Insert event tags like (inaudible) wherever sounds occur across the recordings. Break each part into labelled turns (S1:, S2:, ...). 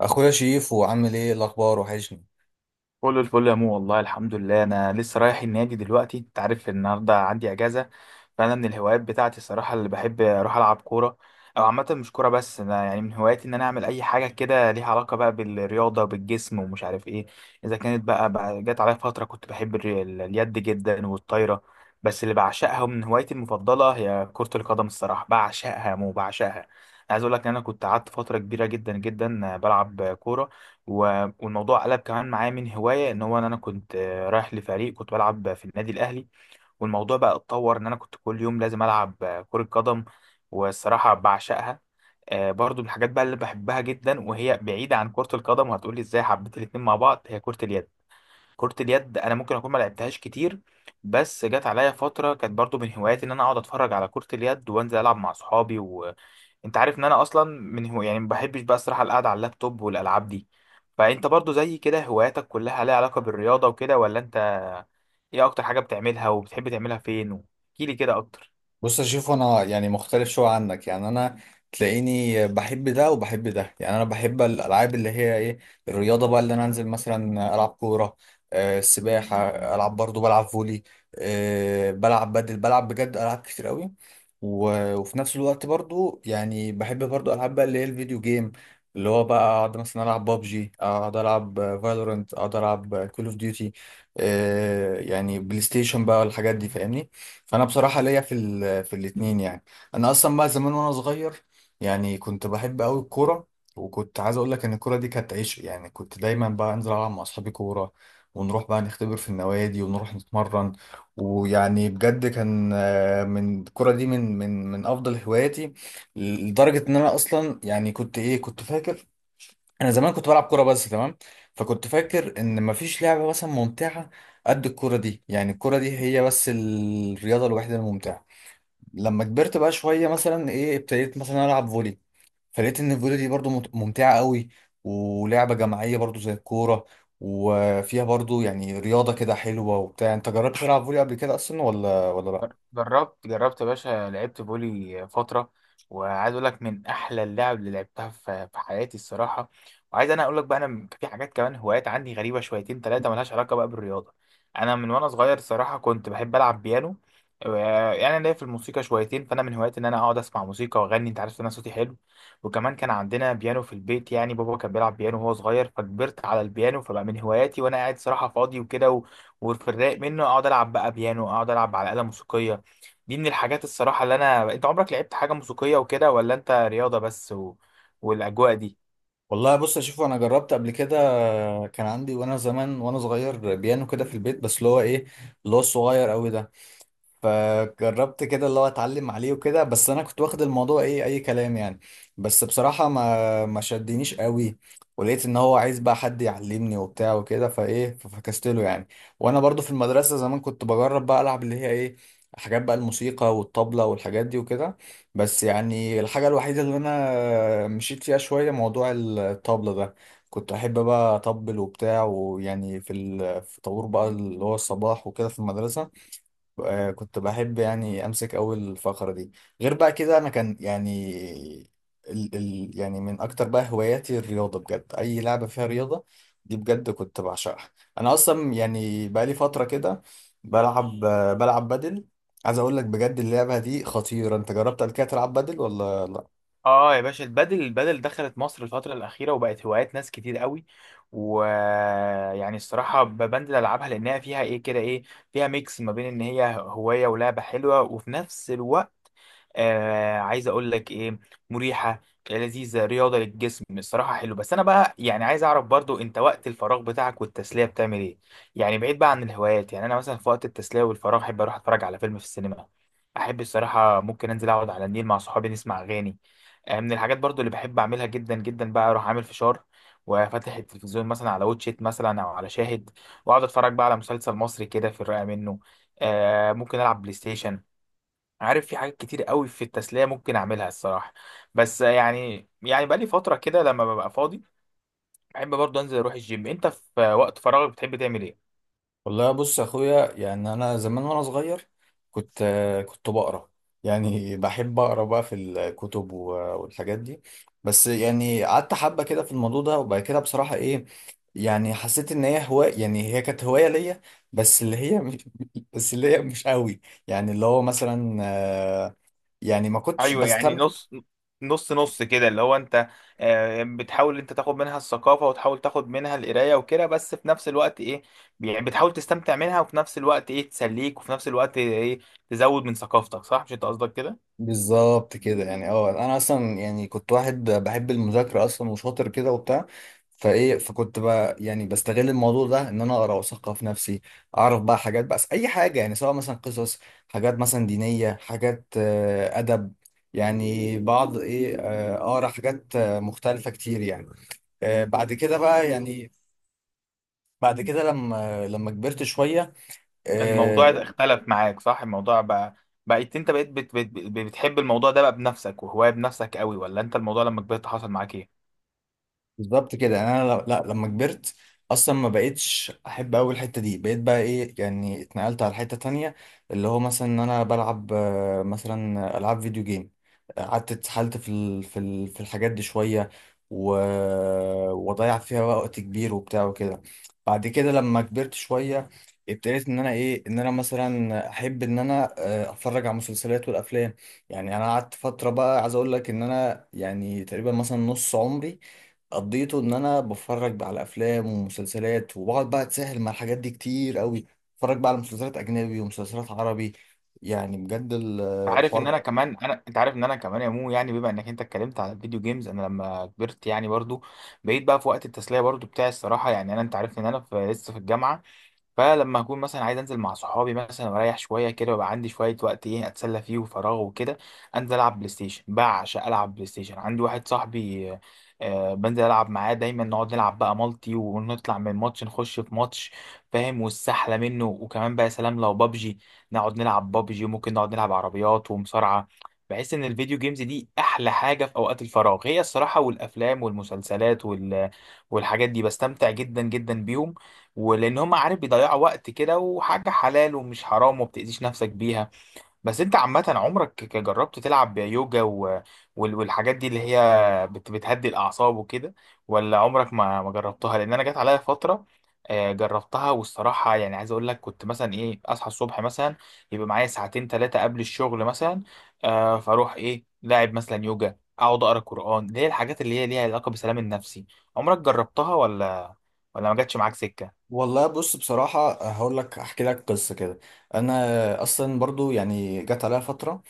S1: اخويا شيف، وعامل ايه الاخبار؟ وحشني.
S2: كل الفل يا مو، والله الحمد لله. انا لسه رايح النادي دلوقتي، انت عارف النهارده عندي اجازه. فانا من الهوايات بتاعتي الصراحه اللي بحب اروح العب كوره. او عامه مش كوره، بس انا يعني من هواياتي ان انا اعمل اي حاجه كده ليها علاقه بقى بالرياضه وبالجسم ومش عارف ايه. اذا كانت بقى جت عليا فتره كنت بحب اليد جدا والطايره. بس اللي بعشقها من هوايتي المفضله هي كره القدم، الصراحه بعشقها يا مو، بعشقها. عايز اقول لك ان انا كنت قعدت فتره كبيره جدا جدا بلعب كوره. والموضوع قلب كمان معايا من هواية، ان هو ان انا كنت رايح لفريق، كنت بلعب في النادي الاهلي. والموضوع بقى اتطور ان انا كنت كل يوم لازم العب كرة قدم. والصراحة بعشقها. برضو من الحاجات بقى اللي بحبها جدا وهي بعيدة عن كرة القدم، وهتقولي ازاي حبيت الاتنين مع بعض، هي كرة اليد. كرة اليد انا ممكن اكون ما لعبتهاش كتير، بس جت عليا فترة كانت برضو من هواياتي ان انا اقعد اتفرج على كرة اليد وانزل العب مع صحابي. وانت عارف ان انا اصلا من هو يعني ما بحبش بقى الصراحة القعدة على اللابتوب والالعاب دي. فانت برضو زي كده هواياتك كلها ليها علاقة بالرياضة وكده ولا انت؟ ايه اكتر حاجة بتعملها وبتحب تعملها فين؟ احكيلي كده اكتر.
S1: بص، اشوف انا يعني مختلف شويه عنك، يعني انا تلاقيني بحب ده وبحب ده، يعني انا بحب الالعاب اللي هي ايه، الرياضه، بقى اللي انا انزل مثلا العب كوره، السباحه، العب، برضو بلعب فولي، بلعب بدل، بلعب بجد العاب كتير قوي. و- وفي نفس الوقت برضو يعني بحب برضو العاب بقى اللي هي الفيديو جيم، اللي هو بقى اقعد مثلا العب بابجي، اقعد العب فالورنت، اقعد العب كول اوف ديوتي، يعني بلاي ستيشن بقى والحاجات دي فاهمني. فانا بصراحه ليا في الاثنين يعني. انا اصلا بقى زمان وانا صغير يعني كنت بحب قوي الكوره، وكنت عايز اقول لك ان الكوره دي كانت عيش، يعني كنت دايما بقى انزل العب مع اصحابي كوره، ونروح بقى نختبر في النوادي ونروح نتمرن. ويعني بجد كان، من الكوره دي، من افضل هواياتي، لدرجه ان انا اصلا يعني كنت ايه، كنت فاكر انا زمان كنت بلعب كوره بس، تمام، فكنت فاكر ان مفيش لعبه مثلا ممتعه قد الكوره دي، يعني الكوره دي هي بس الرياضه الوحيده الممتعه. لما كبرت بقى شويه مثلا ايه، ابتديت مثلا العب فولي، فلقيت ان الفولي دي برضو ممتعه قوي، ولعبه جماعيه برضو زي الكوره، وفيها برضو يعني رياضه كده حلوه وبتاع. انت جربت تلعب فولي قبل كده اصلا، ولا لا؟
S2: جربت جربت يا باشا، لعبت فولي فترة. وعايز اقول لك من احلى اللعب اللي لعبتها في حياتي الصراحة. وعايز انا اقول لك بقى انا في حاجات كمان هوايات عندي غريبة شويتين ثلاثة ملهاش علاقة بقى بالرياضة. انا من وانا صغير صراحة كنت بحب العب بيانو. و- يعني انا ليا في الموسيقى شويتين، فانا من هواياتي ان انا اقعد اسمع موسيقى واغني، انت عارف ان انا صوتي حلو. وكمان كان عندنا بيانو في البيت، يعني بابا كان بيلعب بيانو وهو صغير، فكبرت على البيانو، فبقى من هواياتي وانا قاعد صراحة فاضي وكده. وفي الرايق منه اقعد العب بقى بيانو، اقعد العب على آلة موسيقية. دي من الحاجات الصراحة اللي أنا، أنت عمرك لعبت حاجة موسيقية وكده ولا أنت رياضة بس والأجواء دي؟
S1: والله، بص، اشوف انا جربت قبل كده، كان عندي وانا زمان وانا صغير بيانو كده في البيت، بس اللي هو ايه، اللي هو الصغير قوي ده، فجربت كده اللي هو اتعلم عليه وكده، بس انا كنت واخد الموضوع ايه، اي كلام يعني، بس بصراحة ما شدنيش قوي، ولقيت ان هو عايز بقى حد يعلمني وبتاع وكده، فايه ففكست له يعني. وانا برضو في المدرسة زمان كنت بجرب بقى العب اللي هي ايه، حاجات بقى الموسيقى والطبلة والحاجات دي وكده، بس يعني الحاجة الوحيدة اللي انا مشيت فيها شوية موضوع الطبلة ده، كنت احب بقى اطبل وبتاع، ويعني في طابور بقى اللي هو الصباح وكده في المدرسة، كنت بحب يعني امسك اول الفقره دي. غير بقى كده انا كان يعني، ال ال يعني من اكتر بقى هواياتي الرياضه، بجد اي لعبه فيها رياضه دي بجد كنت بعشقها. انا اصلا يعني بقى لي فتره كده بلعب بدل، عايز اقول لك بجد اللعبه دي خطيره. انت جربت قبل كده تلعب بدل ولا؟
S2: آه يا باشا، البادل البادل دخلت مصر الفترة الأخيرة وبقت هوايات ناس كتير قوي. ويعني الصراحة بنزل ألعبها لأنها فيها إيه كده، إيه فيها ميكس ما بين إن هي هواية ولعبة حلوة وفي نفس الوقت عايز اقول لك ايه، مريحه لذيذه رياضه للجسم الصراحه حلو. بس انا بقى يعني عايز اعرف برضو انت وقت الفراغ بتاعك والتسليه بتعمل ايه؟ يعني بعيد بقى عن الهوايات، يعني انا مثلا في وقت التسليه والفراغ احب اروح اتفرج على فيلم في السينما. احب الصراحه ممكن انزل اقعد على النيل مع صحابي نسمع اغاني. آه، من الحاجات برضو اللي بحب اعملها جدا جدا بقى اروح عامل فشار وفاتح التلفزيون مثلا على واتشيت مثلا او على شاهد، واقعد اتفرج بقى على مسلسل مصري كده في الرقه منه. آه، ممكن العب بلاي ستيشن. عارف في حاجات كتير قوي في التسلية ممكن أعملها الصراحة. بس يعني بقالي فترة كده لما ببقى فاضي بحب برضه أنزل أروح الجيم. أنت في وقت فراغك بتحب تعمل إيه؟
S1: والله، بص يا اخويا، يعني انا زمان وانا صغير كنت بقرا، يعني بحب اقرا بقى في الكتب و- والحاجات دي، بس يعني قعدت حبه كده في الموضوع ده، وبعد كده بصراحه ايه، يعني حسيت ان هي هوايه، يعني هي كانت هوايه ليا، بس اللي هي مش (laughs) بس اللي هي مش قوي، يعني اللي هو مثلا يعني ما كنتش
S2: أيوه يعني
S1: بستمتع.
S2: نص، نص كده اللي هو أنت، بتحاول أنت تاخد منها الثقافة وتحاول تاخد منها القراية وكده، بس في نفس الوقت إيه، يعني بتحاول تستمتع منها، وفي نفس الوقت إيه تسليك، وفي نفس الوقت إيه تزود من ثقافتك، صح مش أنت قصدك كده؟
S1: بالظبط كده، يعني انا اصلا يعني كنت واحد بحب المذاكره اصلا وشاطر كده وبتاع، فايه فكنت بقى يعني بستغل الموضوع ده ان انا اقرا واثقف نفسي، اعرف بقى حاجات، بقى اي حاجه يعني، سواء مثلا قصص، حاجات مثلا دينيه، حاجات ادب، يعني بعض ايه، اقرا حاجات مختلفه كتير يعني. بعد كده بقى، يعني بعد كده لما كبرت شويه،
S2: الموضوع
S1: آه،
S2: اختلف معاك صح، الموضوع بقى بقيت انت بقيت بتحب الموضوع ده بقى بنفسك وهواية بنفسك قوي، ولا انت الموضوع لما كبرت حصل معاك ايه؟
S1: بالظبط كده، يعني انا لا، لما كبرت اصلا ما بقتش احب اوي الحته دي، بقيت بقى ايه، يعني اتنقلت على حته تانية، اللي هو مثلا ان انا بلعب مثلا العاب فيديو جيم، قعدت اتسحلت في في الحاجات دي شويه، و... وضيع فيها وقت كبير وبتاع وكده. بعد كده لما كبرت شويه، ابتديت ان انا ايه، ان انا مثلا احب ان انا اتفرج على المسلسلات والافلام، يعني انا قعدت فتره بقى، عايز اقول لك ان انا يعني تقريبا مثلا نص عمري قضيته ان انا بتفرج بقى على افلام ومسلسلات، وبقعد بقى اتسهل مع الحاجات دي كتير قوي، اتفرج بقى على مسلسلات اجنبي ومسلسلات عربي، يعني بجد
S2: انت عارف ان
S1: الحوار.
S2: انا كمان انا، انت عارف ان انا كمان يا مو، يعني بما انك انت اتكلمت على الفيديو جيمز، انا لما كبرت يعني برضو بقيت بقى في وقت التسلية برضو بتاعي الصراحة. يعني انا انت عارف ان انا لسه في الجامعة، فلما اكون مثلا عايز انزل مع صحابي مثلا واريح شويه كده، ويبقى عندي شويه وقت ايه اتسلى فيه وفراغ وكده، انزل العب بلاي ستيشن. بعشق العب بلاي ستيشن. عندي واحد صاحبي، بنزل العب معاه دايما، نقعد نلعب بقى مالتي ونطلع من ماتش نخش في ماتش، فاهم، والسحله منه. وكمان بقى سلام لو بابجي، نقعد نلعب بابجي، وممكن نقعد نلعب عربيات ومصارعه. بحس ان الفيديو جيمز دي احلى حاجه في اوقات الفراغ هي الصراحه، والافلام والمسلسلات والحاجات دي بستمتع جدا جدا بيهم. ولان هم عارف بيضيعوا وقت كده وحاجه حلال ومش حرام وما بتاذيش نفسك بيها. بس انت عامه عمرك جربت تلعب يوجا والحاجات دي اللي هي بتهدي الاعصاب وكده، ولا عمرك ما جربتها؟ لان انا جت عليا فتره، جربتها، والصراحه يعني عايز اقول لك كنت مثلا ايه اصحى الصبح مثلا يبقى معايا ساعتين ثلاثه قبل الشغل مثلا، فاروح ايه لاعب مثلا يوجا، اقعد اقرا قران، اللي هي الحاجات اللي هي ليها علاقه بالسلام النفسي. عمرك جربتها ولا ولا ما جاتش معاك سكه؟
S1: والله، بص، بصراحة هقول لك، احكي لك قصة كده، انا اصلا برضو يعني جت عليها فترة،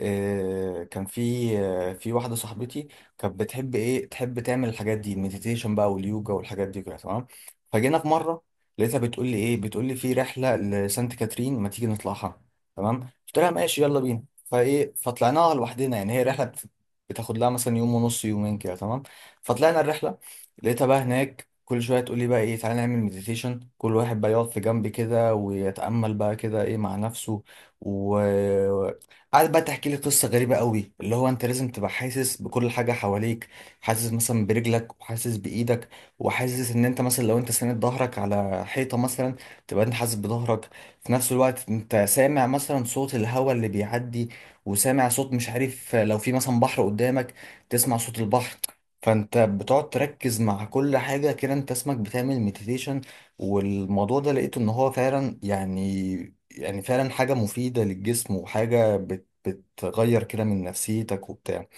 S1: كان في واحدة صاحبتي، كانت بتحب ايه، تحب تعمل الحاجات دي، المديتيشن بقى واليوجا والحاجات دي كده، تمام. فجينا في مرة، لقيتها بتقول لي ايه، بتقول لي في رحلة لسانت كاترين، ما تيجي نطلعها؟ تمام، قلت لها ماشي، يلا بينا، فايه فطلعناها لوحدنا، يعني هي رحلة بتاخد لها مثلا يوم ونص، يومين كده، تمام. فطلعنا الرحلة، لقيتها بقى هناك كل شويه تقول لي بقى ايه، تعالى نعمل مديتيشن، كل واحد بقى يقعد في جنب كده ويتامل بقى كده ايه مع نفسه، وقعد بقى تحكي لي قصه غريبه قوي، اللي هو انت لازم تبقى حاسس بكل حاجه حواليك، حاسس مثلا برجلك وحاسس بايدك، وحاسس ان انت مثلا لو انت ساند ظهرك على حيطه مثلا، تبقى انت حاسس بظهرك، في نفس الوقت انت سامع مثلا صوت الهواء اللي بيعدي، وسامع صوت، مش عارف، لو في مثلا بحر قدامك، تسمع صوت البحر، فانت بتقعد تركز مع كل حاجة كده، انت اسمك بتعمل مديتيشن. والموضوع ده لقيته ان هو فعلا، يعني فعلا حاجة مفيدة للجسم، وحاجة بتغير كده من نفسيتك وبتاع.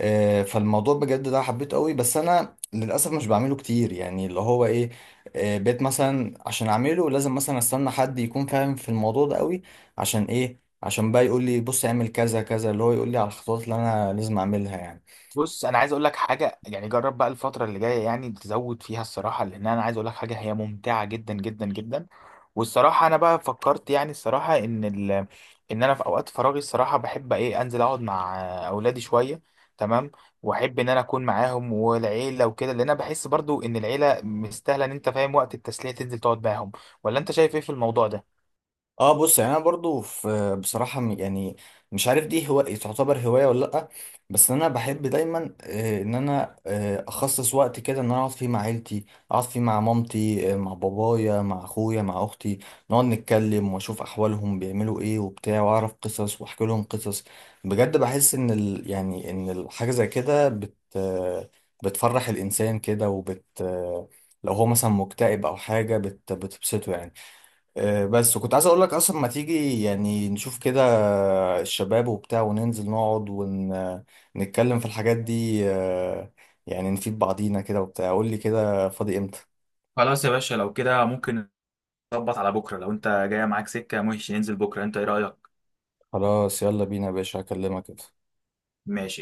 S1: فالموضوع بجد ده حبيته قوي، بس انا للأسف مش بعمله كتير، يعني اللي هو ايه، بقيت مثلا عشان اعمله لازم مثلا استنى حد يكون فاهم في الموضوع ده قوي، عشان ايه، عشان بقى يقول لي بص اعمل كذا كذا، اللي هو يقول لي على الخطوات اللي انا لازم اعملها يعني.
S2: بص انا عايز اقول لك حاجه، يعني جرب بقى الفتره اللي جايه يعني تزود فيها الصراحه، لان انا عايز اقول لك حاجه هي ممتعه جدا جدا جدا. والصراحه انا بقى فكرت يعني الصراحه ان ان انا في اوقات فراغي الصراحه بحب ايه انزل اقعد مع اولادي شويه، تمام، واحب ان انا اكون معاهم والعيله وكده، لان انا بحس برضو ان العيله مستاهله ان انت فاهم وقت التسليه تنزل تقعد معاهم. ولا انت شايف ايه في الموضوع ده؟
S1: اه بص، يعني انا برضو في بصراحه يعني مش عارف دي هو تعتبر هوايه ولا لا، بس انا بحب دايما، ان انا اخصص وقت كده ان انا اقعد فيه مع عيلتي، اقعد فيه مع مامتي، مع بابايا، مع اخويا، مع اختي، نقعد نتكلم واشوف احوالهم بيعملوا ايه وبتاع، واعرف قصص واحكي لهم قصص. بجد بحس ان ال يعني ان الحاجه زي كده بت آه، بتفرح الانسان كده، وبت آه، لو هو مثلا مكتئب او حاجه بتبسطه يعني. بس، وكنت عايز اقول لك اصلا ما تيجي يعني نشوف كده الشباب وبتاع وننزل نقعد ونتكلم في الحاجات دي، يعني نفيد بعضينا كده وبتاع. قول لي كده فاضي امتى؟
S2: خلاص يا باشا لو كده ممكن نظبط على بكره، لو انت جايه معاك سكه ماشي ننزل بكره، انت ايه رايك؟
S1: خلاص، يلا بينا يا باشا، هكلمك كده.
S2: ماشي.